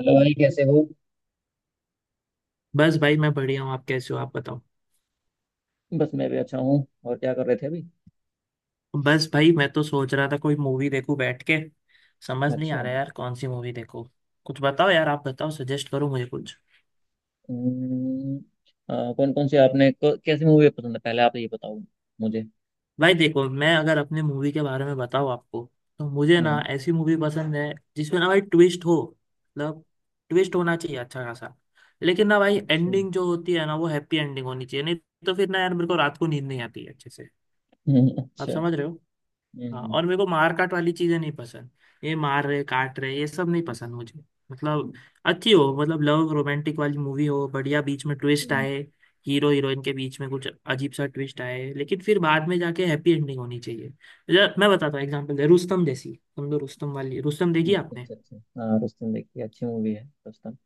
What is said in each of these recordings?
Hello भाई, कैसे हो? बस भाई मैं बढ़िया हूँ। आप कैसे हो, आप बताओ। बस, मैं भी अच्छा हूँ। और क्या कर रहे थे अभी? बस भाई मैं तो सोच रहा था कोई मूवी देखूं बैठ के। समझ नहीं अच्छा। आ रहा यार कौन सी मूवी देखूं। कुछ बताओ यार, आप बताओ, सजेस्ट करो मुझे कुछ। कौन कौन से आपने कैसी मूवी पसंद है, पहले आप ये बताओ मुझे। भाई देखो, मैं अगर अपने मूवी के बारे में बताऊँ आपको तो मुझे ना हम्म। ऐसी मूवी पसंद है जिसमें ना भाई ट्विस्ट हो। मतलब ट्विस्ट होना चाहिए अच्छा खासा। लेकिन ना भाई अच्छा। एंडिंग जो होती है ना वो हैप्पी एंडिंग होनी चाहिए, नहीं तो फिर ना यार मेरे को रात को नींद नहीं आती है अच्छे से। आप अच्छा। समझ रहे हो। हाँ, हम्म, और मेरे को मार काट वाली चीजें नहीं पसंद। ये मार रहे काट रहे ये सब नहीं पसंद मुझे। मतलब अच्छी हो, मतलब लव रोमांटिक वाली मूवी हो, बढ़िया बीच में ट्विस्ट हम्म। आए। हीरो हीरोइन के बीच में कुछ अजीब सा ट्विस्ट आए लेकिन फिर बाद में जाके हैप्पी एंडिंग होनी चाहिए। मैं बताता हूँ एग्जांपल दे, रुस्तम जैसी समझो, रुस्तम वाली, रुस्तम देखी अच्छा, आपने। अच्छा, अच्छा। हाँ, रुस्तम देखिए, अच्छी मूवी है रुस्तम।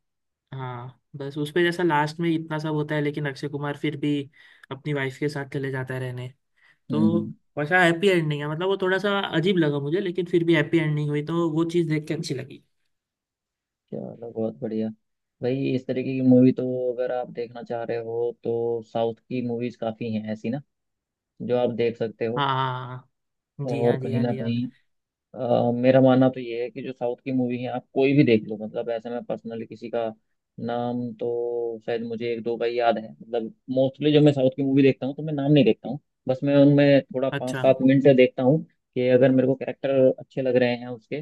हाँ, बस उसपे जैसा लास्ट में इतना सब होता है लेकिन अक्षय कुमार फिर भी अपनी वाइफ के साथ चले जाता है रहने। हम्म, तो हम्म। वैसा हैप्पी एंडिंग है, मतलब वो थोड़ा सा अजीब लगा मुझे लेकिन फिर भी हैप्पी एंडिंग हुई तो वो चीज़ देख के अच्छी लगी। चलो, बहुत बढ़िया। भाई, इस तरीके की मूवी तो अगर आप देखना चाह रहे हो तो साउथ की मूवीज काफ़ी हैं ऐसी ना जो आप देख सकते हो। हाँ हाँ हाँ, जी और हाँ, जी कहीं हाँ, ना जी हाँ। कहीं मेरा मानना तो ये है कि जो साउथ की मूवी है आप कोई भी देख लो, मतलब ऐसे मैं पर्सनली किसी का नाम तो शायद मुझे एक दो का ही याद है। मतलब मोस्टली जब मैं साउथ की मूवी देखता हूँ तो मैं नाम नहीं देखता हूँ। बस मैं उनमें थोड़ा पाँच अच्छा। सात मिनट देखता हूँ कि अगर मेरे को कैरेक्टर अच्छे लग रहे हैं उसके,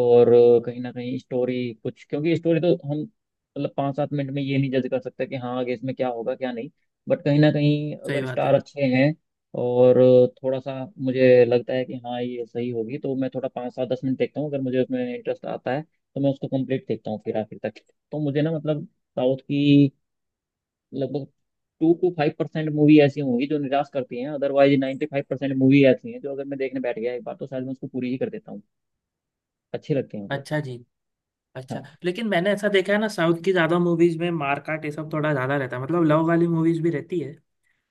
और कहीं ना कहीं स्टोरी कुछ, क्योंकि स्टोरी तो हम मतलब 5-7 मिनट में ये नहीं जज कर सकते कि हाँ आगे इसमें क्या होगा क्या नहीं। बट कहीं ना कहीं सही अगर बात स्टार है। अच्छे हैं, और थोड़ा सा मुझे लगता है कि हाँ ये सही होगी, तो मैं थोड़ा 5-10 मिनट देखता हूँ। अगर मुझे उसमें इंटरेस्ट आता है तो मैं उसको कंप्लीट देखता हूँ फिर आखिर तक। तो मुझे ना, मतलब साउथ की लगभग 2 to 5% मूवी ऐसी होंगी जो निराश करती हैं, अदरवाइज 95% मूवी ऐसी हैं जो अगर मैं देखने बैठ गया एक बार तो शायद मैं उसको पूरी ही कर देता हूँ। अच्छी लगती है, मतलब। अच्छा जी। अच्छा लेकिन मैंने ऐसा देखा है ना, साउथ की ज़्यादा मूवीज में मार काट ये सब थोड़ा ज़्यादा रहता है। मतलब लव वाली मूवीज भी रहती है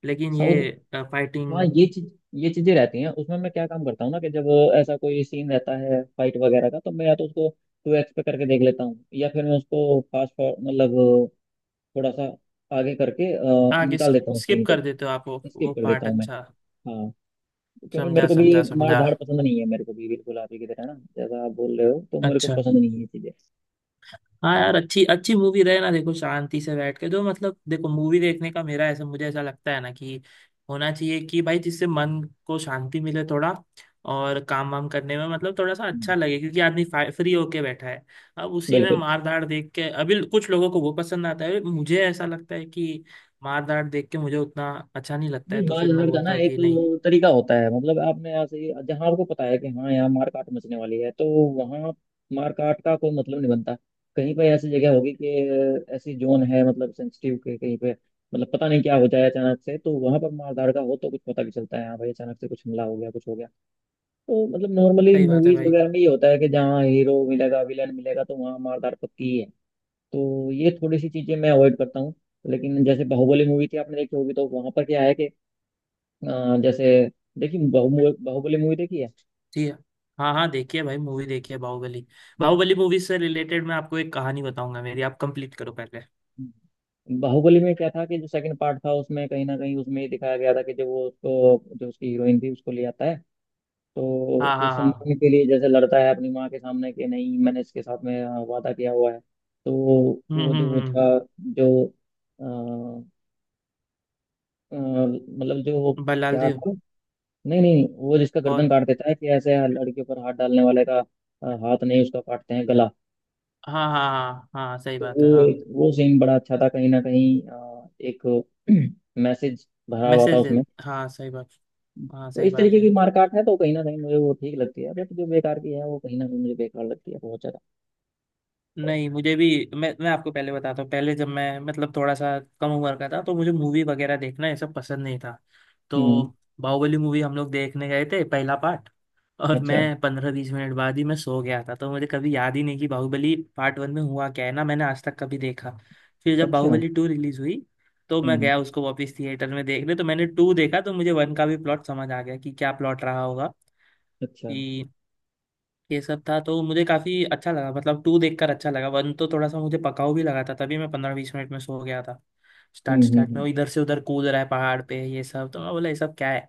लेकिन ये साउथ। हाँ, फाइटिंग। ये चीज, ये चीजें रहती हैं उसमें। मैं क्या काम करता हूँ ना, कि जब ऐसा कोई सीन रहता है फाइट वगैरह का, तो मैं या तो उसको 2X पे करके देख लेता हूँ, या फिर मैं उसको फास्ट फॉर मतलब थोड़ा सा आगे करके आगे निकाल देता हूँ स्किप सीन को। कर देते हो आप वो स्किप वो कर देता पार्ट। हूँ मैं। अच्छा। हाँ। क्योंकि मेरे समझा को भी ये समझा मार समझा। धाड़ पसंद नहीं है, मेरे को भी बिल्कुल आप ही की तरह ना, जैसा आप बोल रहे हो, तो मेरे को अच्छा। पसंद नहीं है ये चीजें। हाँ यार, अच्छी अच्छी मूवी रहे ना देखो, शांति से बैठ के जो, मतलब देखो मूवी देखने का मेरा ऐसा, मुझे ऐसा लगता है ना कि होना चाहिए कि भाई जिससे मन को शांति मिले थोड़ा और काम वाम करने में मतलब थोड़ा सा हम्म। अच्छा लगे, क्योंकि आदमी फ्री होके बैठा है। अब उसी में बिल्कुल। मार धाड़ देख के, अभी कुछ लोगों को वो पसंद आता है, मुझे ऐसा लगता है कि मार धाड़ देख के मुझे उतना अच्छा नहीं लगता है, नहीं, तो मार फिर मैं झगड़ का ना बोलता हूँ एक कि नहीं। तरीका होता है। मतलब आपने ऐसे ही जहाँ आपको पता है कि हाँ यहाँ मार काट मचने वाली है तो वहाँ मार काट का कोई मतलब नहीं बनता। कहीं पे ऐसी जगह होगी कि ऐसी जोन है, मतलब सेंसिटिव के कहीं पे, मतलब पता नहीं क्या हो जाए अचानक से, तो वहाँ पर मार का हो तो कुछ पता भी चलता है, हाँ भाई अचानक से कुछ हमला हो गया कुछ हो गया। तो मतलब नॉर्मली सही बात है मूवीज भाई। वगैरह में ये होता है कि जहाँ हीरो मिलेगा विलन मिलेगा तो वहाँ मार पक्की है। तो ये थोड़ी सी चीजें मैं अवॉइड करता हूँ। लेकिन जैसे बाहुबली मूवी थी, आपने देखी होगी, तो वहां पर क्या है कि जैसे देखिए, बाहुबली, बाहुबली मूवी देखी है? जी। हाँ हाँ, देखिए भाई, मूवी देखिए बाहुबली। बाहुबली मूवी से रिलेटेड मैं आपको एक कहानी बताऊंगा मेरी, आप कंप्लीट करो पहले। बाहुबली में क्या था कि जो सेकंड पार्ट था उसमें, कहीं ना कहीं उसमें ये दिखाया गया था कि जब वो उसको, जो उसकी हीरोइन थी, उसको ले आता है, तो हाँ हाँ उस हाँ। सम्मान के लिए जैसे लड़ता है अपनी माँ के सामने कि नहीं, मैंने इसके साथ में वादा किया हुआ है। तो वो, जो वो हम्म। था, जो अ, मतलब जो वो, बल्लाल क्या देव। था, नहीं नहीं, वो जिसका गर्दन कौन। काट देता है कि ऐसे लड़के पर हाथ डालने वाले का हाथ नहीं, उसका काटते हैं गला। हाँ हाँ हाँ हाँ, सही तो बात है, वो हाँ। एक, वो सीन बड़ा अच्छा था। कहीं ना कहीं एक मैसेज भरा हुआ था मैसेज दे। उसमें। हाँ, सही बात। हाँ, तो सही इस बात तरीके की है। मारकाट है तो कहीं ना कहीं मुझे वो ठीक लगती है, बट जो बेकार की है वो कहीं ना कहीं मुझे बेकार लगती है, बहुत ज्यादा। नहीं, मुझे भी। मैं आपको पहले बताता हूँ, पहले जब मैं मतलब थोड़ा सा कम उम्र का था तो मुझे मूवी वगैरह देखना ये सब पसंद नहीं था। तो हम्म। बाहुबली मूवी हम लोग देखने गए थे, पहला पार्ट। और अच्छा, मैं 15-20 मिनट बाद ही मैं सो गया था, तो मुझे कभी याद ही नहीं कि बाहुबली पार्ट वन में हुआ क्या है ना, मैंने आज तक कभी देखा। फिर जब अच्छा। बाहुबली 2 रिलीज हुई तो मैं हम्म। गया उसको वापस थिएटर में देखने, तो मैंने टू देखा तो मुझे वन का भी प्लॉट समझ आ गया कि क्या प्लॉट रहा होगा, अच्छा। ये सब था। तो मुझे काफी अच्छा लगा, मतलब टू देखकर अच्छा लगा। वन तो थोड़ा सा मुझे पकाऊ भी लगा था, तभी मैं 15-20 मिनट में सो गया था। स्टार्ट हम्म, हम्म, स्टार्ट में वो इधर से उधर कूद रहा है पहाड़ पे ये सब, तो मैं बोला ये सब क्या है।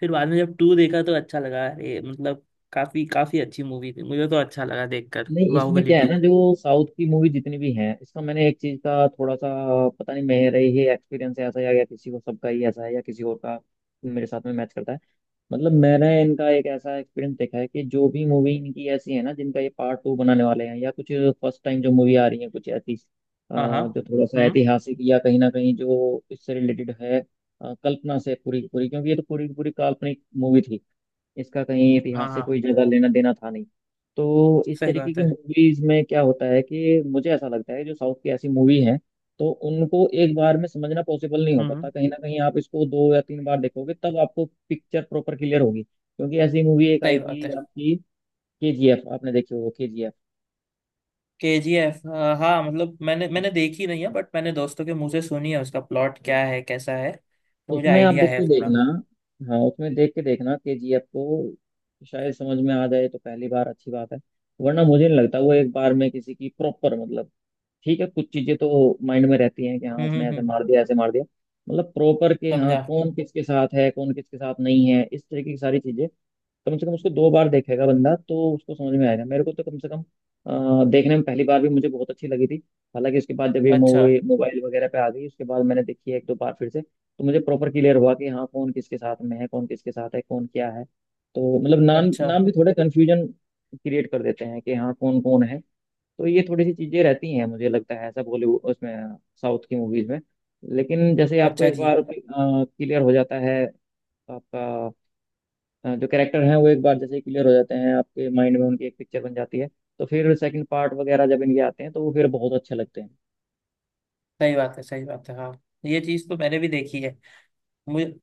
फिर बाद में जब टू देखा तो अच्छा लगा, अरे मतलब काफी काफी अच्छी मूवी थी, मुझे तो अच्छा लगा देखकर नहीं, इसमें बाहुबली क्या है ना, टू जो साउथ की मूवी जितनी भी हैं, इसका मैंने एक चीज का थोड़ा सा, पता नहीं मेरा ही एक्सपीरियंस है ऐसा या किसी को सबका ही ऐसा है या किसी और का मेरे साथ में मैच करता है। मतलब मैंने इनका एक ऐसा एक्सपीरियंस देखा है कि जो भी मूवी इनकी ऐसी है ना जिनका ये पार्ट 2 बनाने वाले हैं या कुछ फर्स्ट टाइम जो मूवी आ रही है कुछ ऐसी, हाँ हाँ। जो थोड़ा सा हम्म। ऐतिहासिक या कहीं ना कहीं जो इससे रिलेटेड है, कल्पना से पूरी की पूरी, क्योंकि ये तो पूरी की पूरी काल्पनिक मूवी थी, इसका कहीं हाँ इतिहास से हाँ, कोई ज्यादा लेना देना था नहीं। तो इस सही तरीके बात की है। मूवीज में क्या होता है कि मुझे ऐसा लगता है जो साउथ की ऐसी मूवी है तो उनको एक बार में समझना पॉसिबल नहीं हो हम्म पाता। हम्म, कहीं ना कहीं आप इसको 2 या 3 बार देखोगे तब आपको पिक्चर प्रॉपर क्लियर होगी, क्योंकि ऐसी मूवी एक आई सही बात थी है। आपकी केजीएफ, आपने देखी होगी केजीएफ। KGF। हाँ, मतलब मैंने मैंने देखी नहीं है बट मैंने दोस्तों के मुंह से सुनी है उसका प्लॉट क्या है, कैसा है, तो मुझे उसमें आप आइडिया देख है के थोड़ा। देखना, हाँ उसमें देख के देखना केजीएफ को। शायद समझ में आ जाए तो पहली बार, अच्छी बात है। वरना मुझे नहीं लगता वो एक बार में किसी की प्रॉपर मतलब, ठीक है कुछ चीजें तो माइंड में रहती हैं कि हाँ हम्म उसने हम्म ऐसे हम्म, मार दिया ऐसे मार दिया, मतलब प्रॉपर के हाँ समझा। कौन किसके साथ है, कौन किसके साथ नहीं है, इस तरीके की सारी चीजें। कम से कम उसको 2 बार देखेगा बंदा तो उसको समझ में आएगा, मेरे को तो कम से कम देखने में पहली बार भी मुझे बहुत अच्छी लगी थी। हालांकि उसके बाद जब ये अच्छा। मूवी मोबाइल वगैरह पे आ गई, उसके बाद मैंने देखी है एक दो बार फिर से, तो मुझे प्रॉपर क्लियर हुआ कि हाँ कौन किसके साथ में है, कौन किसके साथ है, कौन क्या है। तो मतलब नाम, अच्छा। नाम भी थोड़े कन्फ्यूजन क्रिएट कर देते हैं कि हाँ कौन कौन है। तो ये थोड़ी सी चीजें रहती हैं, मुझे लगता है ऐसा बॉलीवुड उसमें, साउथ की मूवीज में। लेकिन जैसे आपको अच्छा एक जी। बार क्लियर हो जाता है आपका, जो कैरेक्टर हैं वो एक बार जैसे क्लियर हो जाते हैं आपके माइंड में, उनकी एक पिक्चर बन जाती है, तो फिर सेकंड पार्ट वगैरह जब इनके आते हैं तो वो फिर बहुत अच्छे लगते हैं। सही बात है, सही बात है, हाँ। ये चीज तो मैंने भी देखी है मुझे।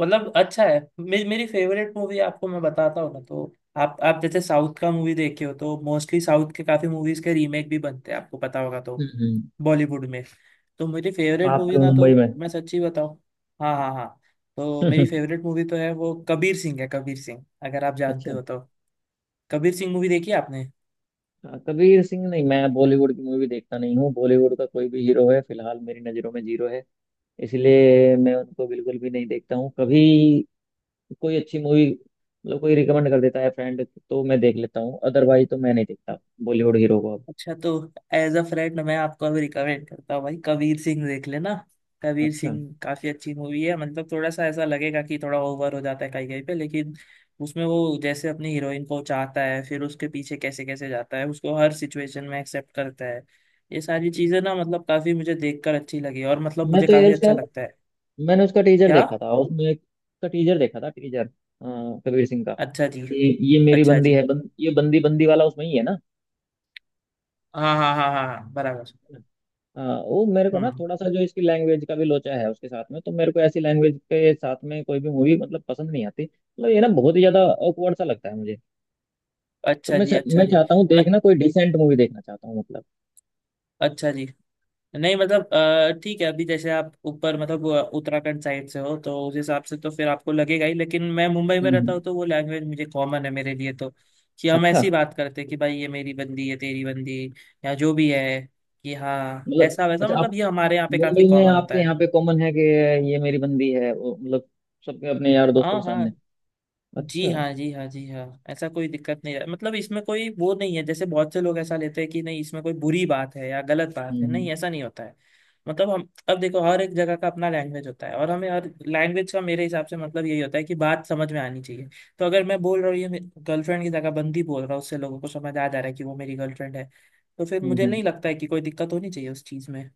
मतलब अच्छा है, मेरी फेवरेट मूवी आपको मैं बताता हूँ ना तो। आप जैसे साउथ का मूवी देखे हो तो मोस्टली साउथ के काफी मूवीज के रीमेक भी बनते हैं, आपको पता होगा तो, हम्म। बॉलीवुड में। तो मेरी फेवरेट आपके मूवी ना मुंबई तो में? मैं सच्ची बताऊँ। हाँ हाँ हाँ। तो मेरी फेवरेट मूवी तो है वो कबीर सिंह है। कबीर सिंह अगर आप जानते अच्छा। हो तो, कबीर सिंह मूवी देखी है आपने। हाँ, कबीर सिंह नहीं, मैं बॉलीवुड की मूवी देखता नहीं हूँ। बॉलीवुड का कोई भी हीरो है फिलहाल मेरी नज़रों में जीरो है। इसलिए मैं उनको बिल्कुल भी नहीं देखता हूँ कभी। कोई अच्छी मूवी मतलब कोई रिकमेंड कर देता है फ्रेंड तो मैं देख लेता हूँ, अदरवाइज तो मैं नहीं देखता बॉलीवुड हीरो को अब। अच्छा, तो एज अ फ्रेंड मैं आपको अभी रिकमेंड करता हूँ भाई, कबीर सिंह देख लेना। कबीर अच्छा। सिंह काफी अच्छी मूवी है। मतलब थोड़ा सा ऐसा लगेगा कि थोड़ा ओवर हो जाता है कहीं कहीं पे, लेकिन उसमें वो जैसे अपनी हीरोइन को चाहता है फिर उसके पीछे कैसे कैसे जाता है, उसको हर सिचुएशन में एक्सेप्ट करता है, ये सारी चीजें ना, मतलब काफी मुझे देखकर अच्छी लगी, और मतलब मैं मुझे तो यार काफी उसका, अच्छा लगता है। मैंने उसका टीजर क्या। देखा था, उसमें उसका टीजर देखा था टीजर, अ, कबीर सिंह का। अच्छा जी। कि ये मेरी अच्छा बंदी जी। है, ये बंदी बंदी वाला उसमें ही है ना। हाँ हाँ हाँ हाँ हाँ, बराबर। अ, वो मेरे को ना हम्म। थोड़ा सा जो इसकी लैंग्वेज का भी लोचा है उसके साथ में तो मेरे को ऐसी लैंग्वेज के साथ में कोई भी मूवी मतलब पसंद नहीं आती। मतलब ये ना बहुत ही ज्यादा awkward सा लगता है मुझे। तो अच्छा जी। अच्छा मैं जी। चाहता हूँ न देखना, कोई डिसेंट मूवी देखना चाहता हूँ, मतलब। अच्छा जी। नहीं मतलब ठीक है, अभी जैसे आप ऊपर मतलब उत्तराखंड साइड से हो, तो उस हिसाब से तो फिर आपको लगेगा ही। लेकिन मैं मुंबई में रहता हूँ हम्म। तो वो लैंग्वेज मुझे कॉमन है, मेरे लिए तो, कि हम अच्छा। ऐसी बात करते हैं कि भाई ये मेरी बंदी है, तेरी बंदी, या जो भी है, कि हाँ मतलब ऐसा वैसा। अच्छा, मतलब आप ये हमारे यहाँ पे काफी मुंबई में कॉमन होता आपके यहाँ है। पे कॉमन है कि ये मेरी बंदी है वो, मतलब सबके अपने यार दोस्तों हाँ के हाँ, सामने? जी अच्छा। हाँ, जी हाँ, जी हाँ, ऐसा कोई दिक्कत नहीं है। मतलब इसमें कोई वो नहीं है, जैसे बहुत से लोग ऐसा लेते हैं कि नहीं इसमें कोई बुरी बात है या गलत बात है, हम्म, नहीं ऐसा नहीं होता है। मतलब हम, अब देखो हर एक जगह का अपना लैंग्वेज होता है, और हमें हर लैंग्वेज का, मेरे हिसाब से मतलब यही होता है कि बात समझ में आनी चाहिए। तो अगर मैं बोल रहा हूँ ये, गर्लफ्रेंड की जगह बंदी बोल रहा हूँ, उससे लोगों को समझ आ जा रहा है कि वो मेरी गर्लफ्रेंड है। तो फिर हम्म, मुझे नहीं लगता है कि कोई दिक्कत होनी चाहिए उस चीज़ में।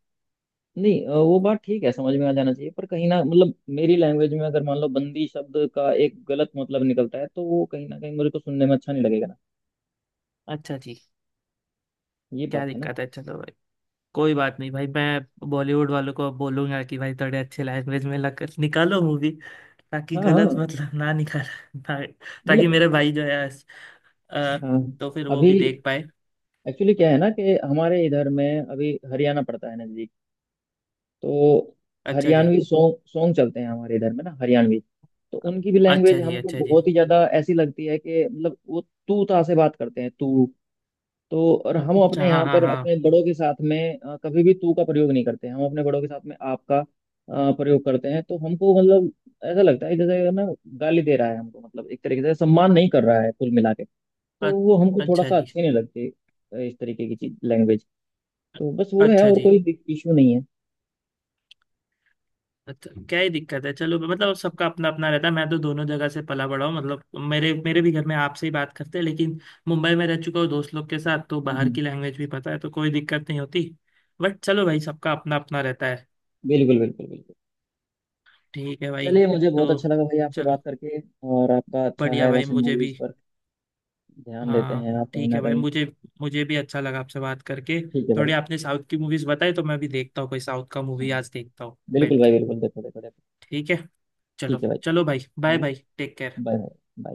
नहीं, वो बात ठीक है, समझ में आ जाना चाहिए, पर कहीं ना मतलब मेरी लैंग्वेज में अगर मान लो बंदी शब्द का एक गलत मतलब निकलता है तो वो कहीं ना कहीं मुझे को सुनने में अच्छा नहीं लगेगा ना, अच्छा जी। ये क्या बात है ना। दिक्कत है, चलो, कोई बात नहीं भाई, मैं बॉलीवुड वालों को बोलूंगा कि भाई थोड़े अच्छे लैंग्वेज में निकालो मूवी, ताकि हाँ, गलत हाँ, मतलब ना निकाल ना- ताकि मतलब, मेरे भाई जो है, अ, हाँ। तो फिर वो अभी भी देख पाए। एक्चुअली क्या है ना कि हमारे इधर में अभी हरियाणा पड़ता है नजदीक, तो अच्छा जी। हरियाणवी सॉन्ग सॉन्ग चलते हैं हमारे इधर में ना, हरियाणवी। तो उनकी भी लैंग्वेज अच्छा जी। हमको अच्छा जी। बहुत ही ज्यादा ऐसी लगती है कि मतलब वो तू ता से बात करते हैं, तू। तो और हम अपने अच्छा। हाँ यहाँ हाँ पर हाँ। अपने बड़ों के साथ में कभी भी तू का प्रयोग नहीं करते। हम अपने बड़ों के साथ में आपका प्रयोग करते हैं। तो हमको मतलब ऐसा लगता है जैसे ना गाली दे रहा है हमको, मतलब एक तरीके से सम्मान नहीं कर रहा है कुल मिला के, तो अ- वो हमको थोड़ा अच्छा सा जी। अच्छी नहीं लगती, इस तरीके की चीज लैंग्वेज। तो बस वो है, अच्छा और जी। कोई इशू नहीं है। अच्छा क्या ही दिक्कत है, चलो, मतलब सबका अपना अपना रहता है। मैं तो दोनों जगह से पला बड़ा हूँ। मतलब मेरे मेरे भी घर में आपसे ही बात करते हैं, लेकिन मुंबई में रह चुका हूँ दोस्त लोग के साथ तो बाहर हम्म, की लैंग्वेज भी पता है, तो कोई दिक्कत नहीं होती। बट चलो भाई, सबका अपना अपना रहता है। बिल्कुल, बिल्कुल, बिल्कुल। ठीक है भाई। चलिए, मुझे बहुत अच्छा तो लगा भाई आपसे चलो। बात करके। और आपका अच्छा बढ़िया है भाई, वैसे, मुझे भी। मूवीज पर ध्यान देते हैं हाँ, आप कहीं ठीक ना है भाई, कहीं। मुझे, मुझे भी अच्छा लगा आपसे बात करके। ठीक है भाई। थोड़ी आपने साउथ की मूवीज बताई तो मैं भी देखता हूँ, कोई साउथ का हाँ, मूवी आज देखता हूँ बैठ बिल्कुल भाई, के। बिल्कुल, देखो देखो देखो। ठीक है। चलो ठीक है भाई। चलो भाई, bye bye, take care. Bye bye.